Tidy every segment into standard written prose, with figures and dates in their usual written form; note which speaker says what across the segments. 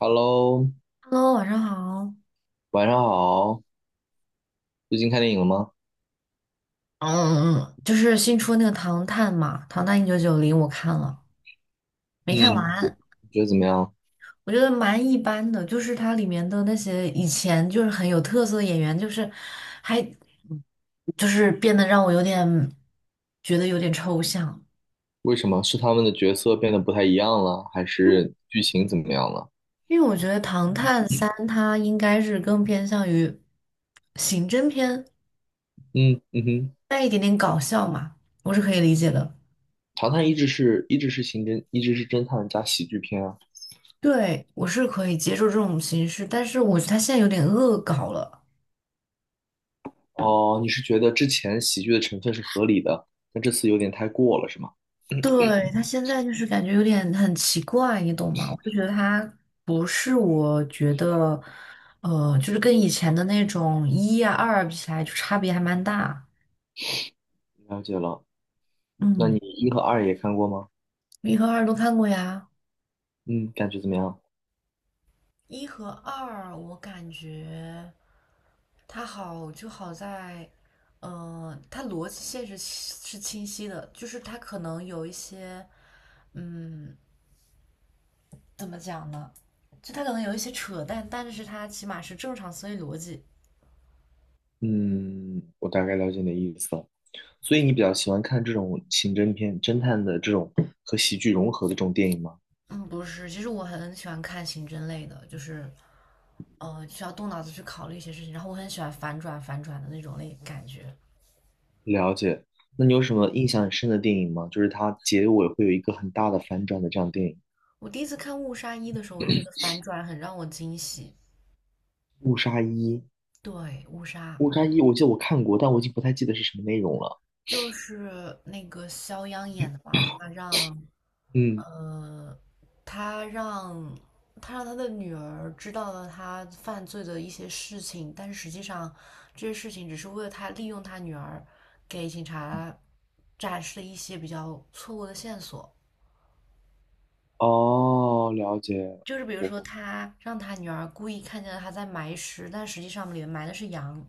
Speaker 1: Hello，
Speaker 2: Hello，晚上好。
Speaker 1: 晚上好。最近看电影了吗？
Speaker 2: 嗯，就是新出那个《唐探》嘛，《唐探1990》，我看了，没看
Speaker 1: 嗯，你
Speaker 2: 完，
Speaker 1: 觉得怎么样？
Speaker 2: 我觉得蛮一般的。就是它里面的那些以前就是很有特色的演员，就是还就是变得让我有点觉得有点抽象，
Speaker 1: 为什么？是他们的角色变得不太一样了，还
Speaker 2: 因为
Speaker 1: 是剧情怎么样了？
Speaker 2: 因为我觉得《唐探三》它应该是更偏向于刑侦片，
Speaker 1: 嗯嗯哼，
Speaker 2: 带一点点搞笑嘛，我是可以理解的。
Speaker 1: 唐探一直是刑侦，一直是侦探加喜剧片啊。
Speaker 2: 对，我是可以接受这种形式，但是我觉得他现在有点恶搞了。
Speaker 1: 哦，你是觉得之前喜剧的成分是合理的，但这次有点太过了，是吗？
Speaker 2: 对，他现在就是感觉有点很奇怪，你懂吗？我就觉得他不是我觉得，就是跟以前的那种一呀、二比起来，就差别还蛮大。
Speaker 1: 了解了。那你
Speaker 2: 嗯，
Speaker 1: 一和二也看过吗？
Speaker 2: 一和二都看过呀。
Speaker 1: 嗯，感觉怎么样？
Speaker 2: 一和二，我感觉它好就好在，它逻辑线是清晰的，就是它可能有一些，嗯，怎么讲呢？就它可能有一些扯淡，但是它起码是正常思维逻辑。
Speaker 1: 嗯，我大概了解你的意思了。所以你比较喜欢看这种刑侦片、侦探的这种和喜剧融合的这种电影吗？
Speaker 2: 嗯，不是，其实我很喜欢看刑侦类的，就是，需要动脑子去考虑一些事情，然后我很喜欢反转的那种类感觉。
Speaker 1: 了解。那你有什么印象很深的电影吗？就是它结尾会有一个很大的反转的这样的电影，
Speaker 2: 我第一次看《误杀一》的时候，我就觉得反转很让我惊喜。
Speaker 1: 《误杀一》。
Speaker 2: 对，《误杀》
Speaker 1: 《误杀一》我记得我看过，但我已经不太记得是什么内容了。
Speaker 2: 就是那个肖央演的吧，他让
Speaker 1: 嗯，
Speaker 2: 呃，他让他的女儿知道了他犯罪的一些事情，但是实际上这些事情只是为了他利用他女儿给警察展示了一些比较错误的线索，
Speaker 1: 哦，了解。
Speaker 2: 就是比如
Speaker 1: 我
Speaker 2: 说他让他女儿故意看见了他在埋尸，但实际上里面埋的是羊。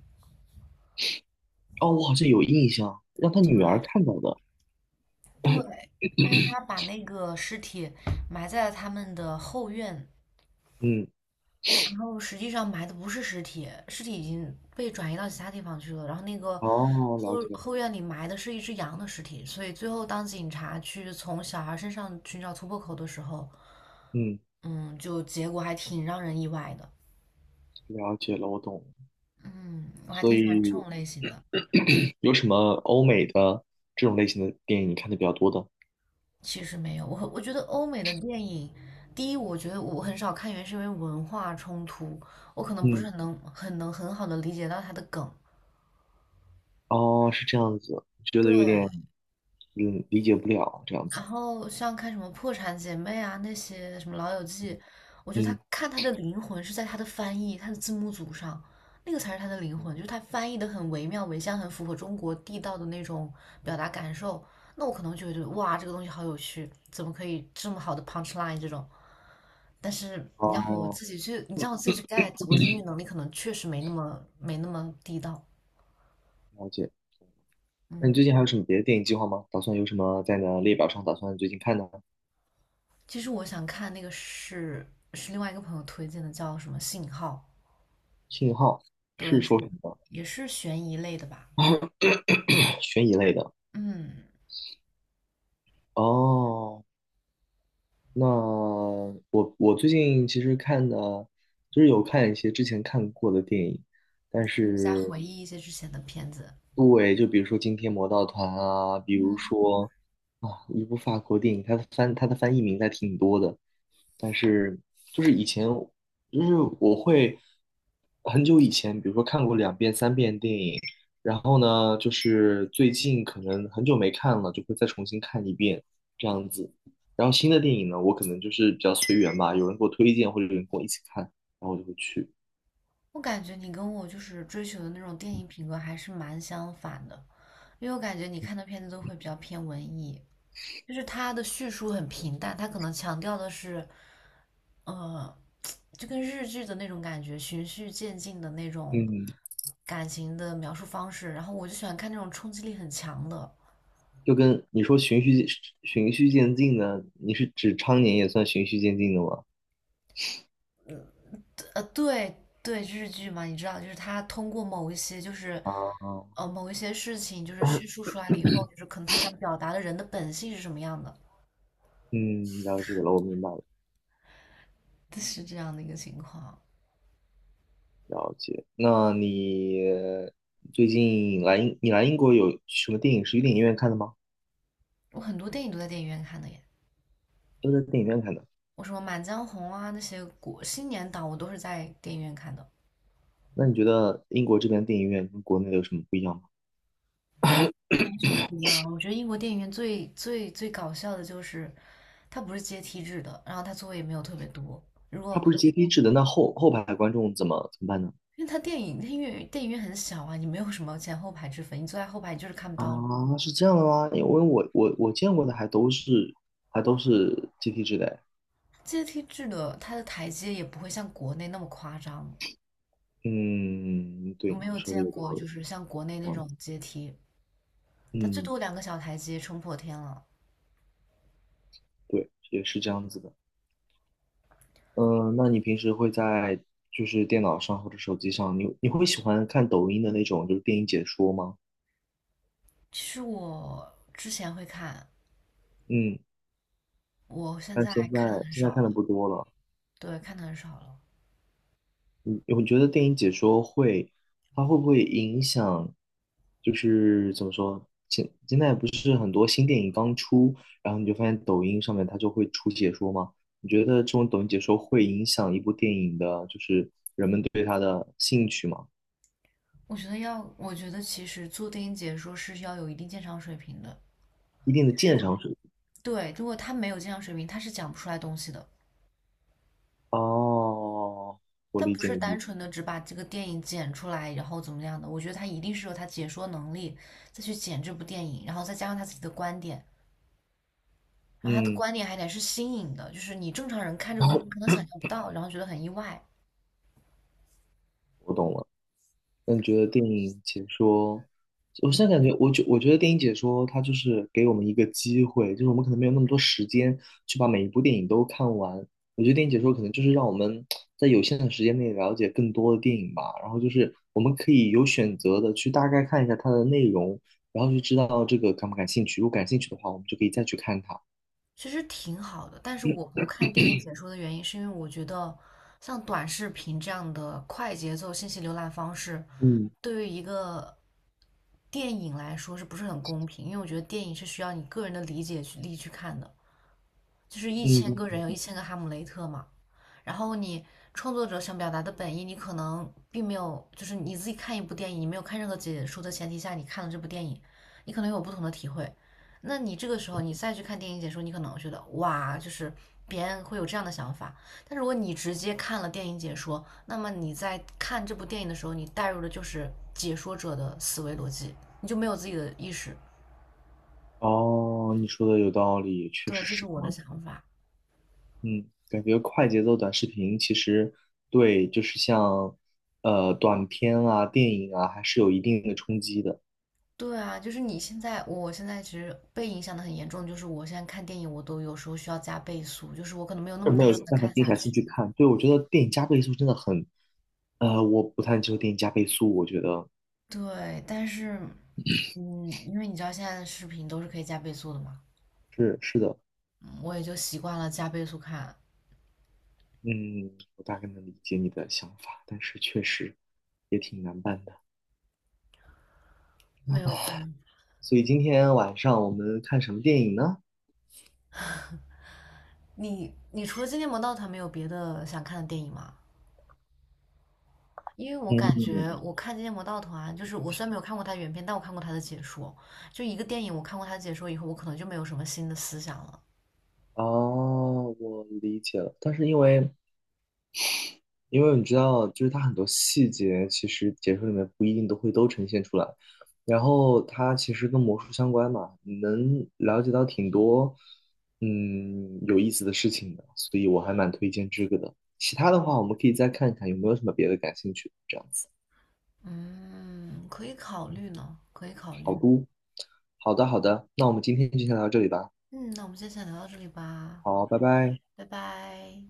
Speaker 1: 哦，我好像有印象，让他
Speaker 2: 对
Speaker 1: 女儿看到的。
Speaker 2: 对，因为他把那个尸体埋在了他们的后院，
Speaker 1: 嗯，
Speaker 2: 然后实际上埋的不是尸体，尸体已经被转移到其他地方去了。然后那个
Speaker 1: 哦，
Speaker 2: 后
Speaker 1: 了解。
Speaker 2: 后院里埋的是一只羊的尸体，所以最后当警察去从小孩身上寻找突破口的时候，
Speaker 1: 嗯，
Speaker 2: 嗯，就结果还挺让人意外的。
Speaker 1: 了解了，我懂。
Speaker 2: 嗯，我还
Speaker 1: 所
Speaker 2: 挺喜欢这
Speaker 1: 以
Speaker 2: 种类型的。
Speaker 1: 有什么欧美的这种类型的电影你看的比较多的？
Speaker 2: 其实没有，我觉得欧美的电影，第一，我觉得我很少看原因是因为文化冲突，我可能不是
Speaker 1: 嗯，
Speaker 2: 很好的理解到它的梗。
Speaker 1: 哦，是这样子，觉得有
Speaker 2: 对，
Speaker 1: 点理解不了这样
Speaker 2: 然
Speaker 1: 子。
Speaker 2: 后像看什么《破产姐妹》啊，那些什么《老友记》，我觉得他
Speaker 1: 嗯，
Speaker 2: 看他的灵魂是在他的翻译、他的字幕组上，那个才是他的灵
Speaker 1: 嗯
Speaker 2: 魂，就是他翻译的很惟妙惟肖，很符合中国地道的那种表达感受。那我可能就会觉得哇，这个东西好有趣，怎么可以这么好的 punch line 这种？但是你让我
Speaker 1: 哦，
Speaker 2: 自己去，你让我自己去 get，我的英语能力可能确实没那么地道。
Speaker 1: 了解。那你
Speaker 2: 嗯，
Speaker 1: 最近还有什么别的电影计划吗？打算有什么在你的列表上打算最近看的呢？
Speaker 2: 其实我想看那个是另外一个朋友推荐的，叫什么《信号》。
Speaker 1: 信号是
Speaker 2: 对，
Speaker 1: 说什
Speaker 2: 是
Speaker 1: 么
Speaker 2: 也是悬疑类的吧？
Speaker 1: 的 悬疑类的。
Speaker 2: 嗯，
Speaker 1: 哦，那我最近其实看的，就是有看一些之前看过的电影，但
Speaker 2: 就是在
Speaker 1: 是
Speaker 2: 回忆一些之前的片子。
Speaker 1: 对，就比如说今天魔盗团啊，比如说啊，一部法国电影，它的翻译名还挺多的，但是就是以前就是我会很久以前，比如说看过两遍三遍电影，然后呢，就是最近可能很久没看了，就会再重新看一遍这样子。然后新的电影呢，我可能就是比较随缘吧，有人给我推荐或者有人跟我一起看，然后我就会去。
Speaker 2: 我感觉你跟我就是追求的那种电影品格还是蛮相反的，因为我感觉你看的片子都会比较偏文艺，就是它的叙述很平淡，它可能强调的是，呃，就跟日剧的那种感觉，循序渐进的那种
Speaker 1: 嗯。
Speaker 2: 感情的描述方式。然后我就喜欢看那种冲击力很强的，
Speaker 1: 就跟你说循序渐进的，你是指常年也算循序渐进的吗？
Speaker 2: 对对，日剧嘛，你知道，就是它通过某一些
Speaker 1: 啊，
Speaker 2: 事情就是叙述出来了以后，就是可能他想表达的人的本性是什么样的，
Speaker 1: 嗯，了解了，我明白了，
Speaker 2: 是这样的一个情况。
Speaker 1: 了解。那你最近来英，你来英国有什么电影是去电影院看的吗？
Speaker 2: 我很多电影都在电影院看的耶，
Speaker 1: 都在电影院看的。
Speaker 2: 我什么《满江红》啊那些国新年档我都是在电影院看的，
Speaker 1: 那你觉得英国这边电影院跟国内有什么不一样吗？
Speaker 2: 没什么不一样。我觉得英国电影院最最最搞笑的就是它不是阶梯制的，然后它座位也没有特别多。如
Speaker 1: 它
Speaker 2: 果
Speaker 1: 不是阶梯制的，那后排观众怎么办呢？
Speaker 2: 因为它电影院很小啊，你没有什么前后排之分，你坐在后排你就是看不到了
Speaker 1: 啊，是这样的吗？因为我见过的还都是阶梯制的哎。
Speaker 2: 阶梯制的，它的台阶也不会像国内那么夸张，
Speaker 1: 嗯，
Speaker 2: 我
Speaker 1: 对，
Speaker 2: 没
Speaker 1: 你
Speaker 2: 有
Speaker 1: 说的
Speaker 2: 见
Speaker 1: 有道
Speaker 2: 过，就
Speaker 1: 理。
Speaker 2: 是像国内
Speaker 1: 这
Speaker 2: 那种阶梯，它最
Speaker 1: 嗯，
Speaker 2: 多两个小台阶冲破天了。
Speaker 1: 对，也是这样子的。嗯，那你平时会在就是电脑上或者手机上，你会喜欢看抖音的那种就是电影解说吗？
Speaker 2: 其实我之前会看，
Speaker 1: 嗯，
Speaker 2: 我现
Speaker 1: 但
Speaker 2: 在
Speaker 1: 现
Speaker 2: 看的
Speaker 1: 在
Speaker 2: 很
Speaker 1: 现在
Speaker 2: 少
Speaker 1: 看
Speaker 2: 了，
Speaker 1: 的不多了。
Speaker 2: 对，看的很少了。
Speaker 1: 我觉得电影解说会，它会不会影响？就是怎么说，现在不是很多新电影刚出，然后你就发现抖音上面它就会出解说吗？你觉得这种抖音解说会影响一部电影的，就是人们对它的兴趣吗？
Speaker 2: 我觉得其实做电影解说是要有一定鉴赏水平的，
Speaker 1: 一定的
Speaker 2: 就
Speaker 1: 鉴
Speaker 2: 是
Speaker 1: 赏水
Speaker 2: 对，如果他没有鉴赏水平，他是讲不出来东西的。
Speaker 1: 哦，我
Speaker 2: 他
Speaker 1: 理
Speaker 2: 不
Speaker 1: 解
Speaker 2: 是单
Speaker 1: 你，
Speaker 2: 纯的只把这个电影剪出来，然后怎么样的？我觉得他一定是有他解说能力，再去剪这部电影，然后再加上他自己的观点，然后他的
Speaker 1: 嗯
Speaker 2: 观点还得是新颖的，就是你正常人看这个东西可 能想象不到，然后觉得很意外，
Speaker 1: 我懂了。那你觉得电影解说，我现在感觉，我觉得电影解说它就是给我们一个机会，就是我们可能没有那么多时间去把每一部电影都看完。我觉得电影解说可能就是让我们在有限的时间内了解更多的电影吧，然后就是我们可以有选择的去大概看一下它的内容，然后就知道这个感不感兴趣。如果感兴趣的话，我们就可以再去看它。
Speaker 2: 其实挺好的。但是我不看电影解说的原因，是因为我觉得像短视频这样的快节奏信息浏览方式，
Speaker 1: 嗯
Speaker 2: 对于一个电影来说是不是很公平？因为我觉得电影是需要你个人的理解去力去看的，就是一千个
Speaker 1: 嗯
Speaker 2: 人有一千个哈姆雷特嘛，然后你创作者想表达的本意，你可能并没有，就是你自己看一部电影，你没有看任何解说的前提下，你看了这部电影，你可能有不同的体会。那你这个时候你再去看电影解说，你可能觉得哇，就是别人会有这样的想法。但如果你直接看了电影解说，那么你在看这部电影的时候，你带入的就是解说者的思维逻辑，你就没有自己的意识。
Speaker 1: 哦，你说的有道理，确
Speaker 2: 对，
Speaker 1: 实
Speaker 2: 这是
Speaker 1: 是
Speaker 2: 我
Speaker 1: 这
Speaker 2: 的
Speaker 1: 样
Speaker 2: 想
Speaker 1: 子。
Speaker 2: 法。
Speaker 1: 嗯，感觉快节奏短视频其实对，就是像短片啊、电影啊，还是有一定的冲击的，
Speaker 2: 对啊，就是你现在，我现在其实被影响的很严重，就是我现在看电影，我都有时候需要加倍速，就是我可能没有那
Speaker 1: 就
Speaker 2: 么耐
Speaker 1: 没有
Speaker 2: 心的
Speaker 1: 办法
Speaker 2: 看
Speaker 1: 静
Speaker 2: 下
Speaker 1: 下心
Speaker 2: 去。
Speaker 1: 去看。对，我觉得电影加倍速真的很，我不太接受电影加倍速，我觉得
Speaker 2: 对，但是，因为你知道现在的视频都是可以加倍速的嘛，
Speaker 1: 是是的，
Speaker 2: 嗯我也就习惯了加倍速看，
Speaker 1: 嗯，我大概能理解你的想法，但是确实也挺难办的。
Speaker 2: 没有办法。
Speaker 1: 所以今天晚上我们看什么电影呢？
Speaker 2: 你除了《惊天魔盗团》，没有别的想看的电影吗？因为我感觉我看《惊天魔盗团》，就是我虽然没有看过它原片，但我看过它的解说。就一个电影，我看过它的解说以后，我可能就没有什么新的思想了。
Speaker 1: 哦，我理解了。但是因为你知道，就是它很多细节其实解说里面不一定都会都呈现出来。然后它其实跟魔术相关嘛，你能了解到挺多有意思的事情的，所以我还蛮推荐这个的。其他的话，我们可以再看看有没有什么别的感兴趣的这样子。
Speaker 2: 嗯，可以考虑呢，可以考虑。
Speaker 1: 好的，好的，那我们今天就先聊到这里吧。
Speaker 2: 嗯，那我们先聊到这里吧，
Speaker 1: 好，拜拜。
Speaker 2: 拜拜。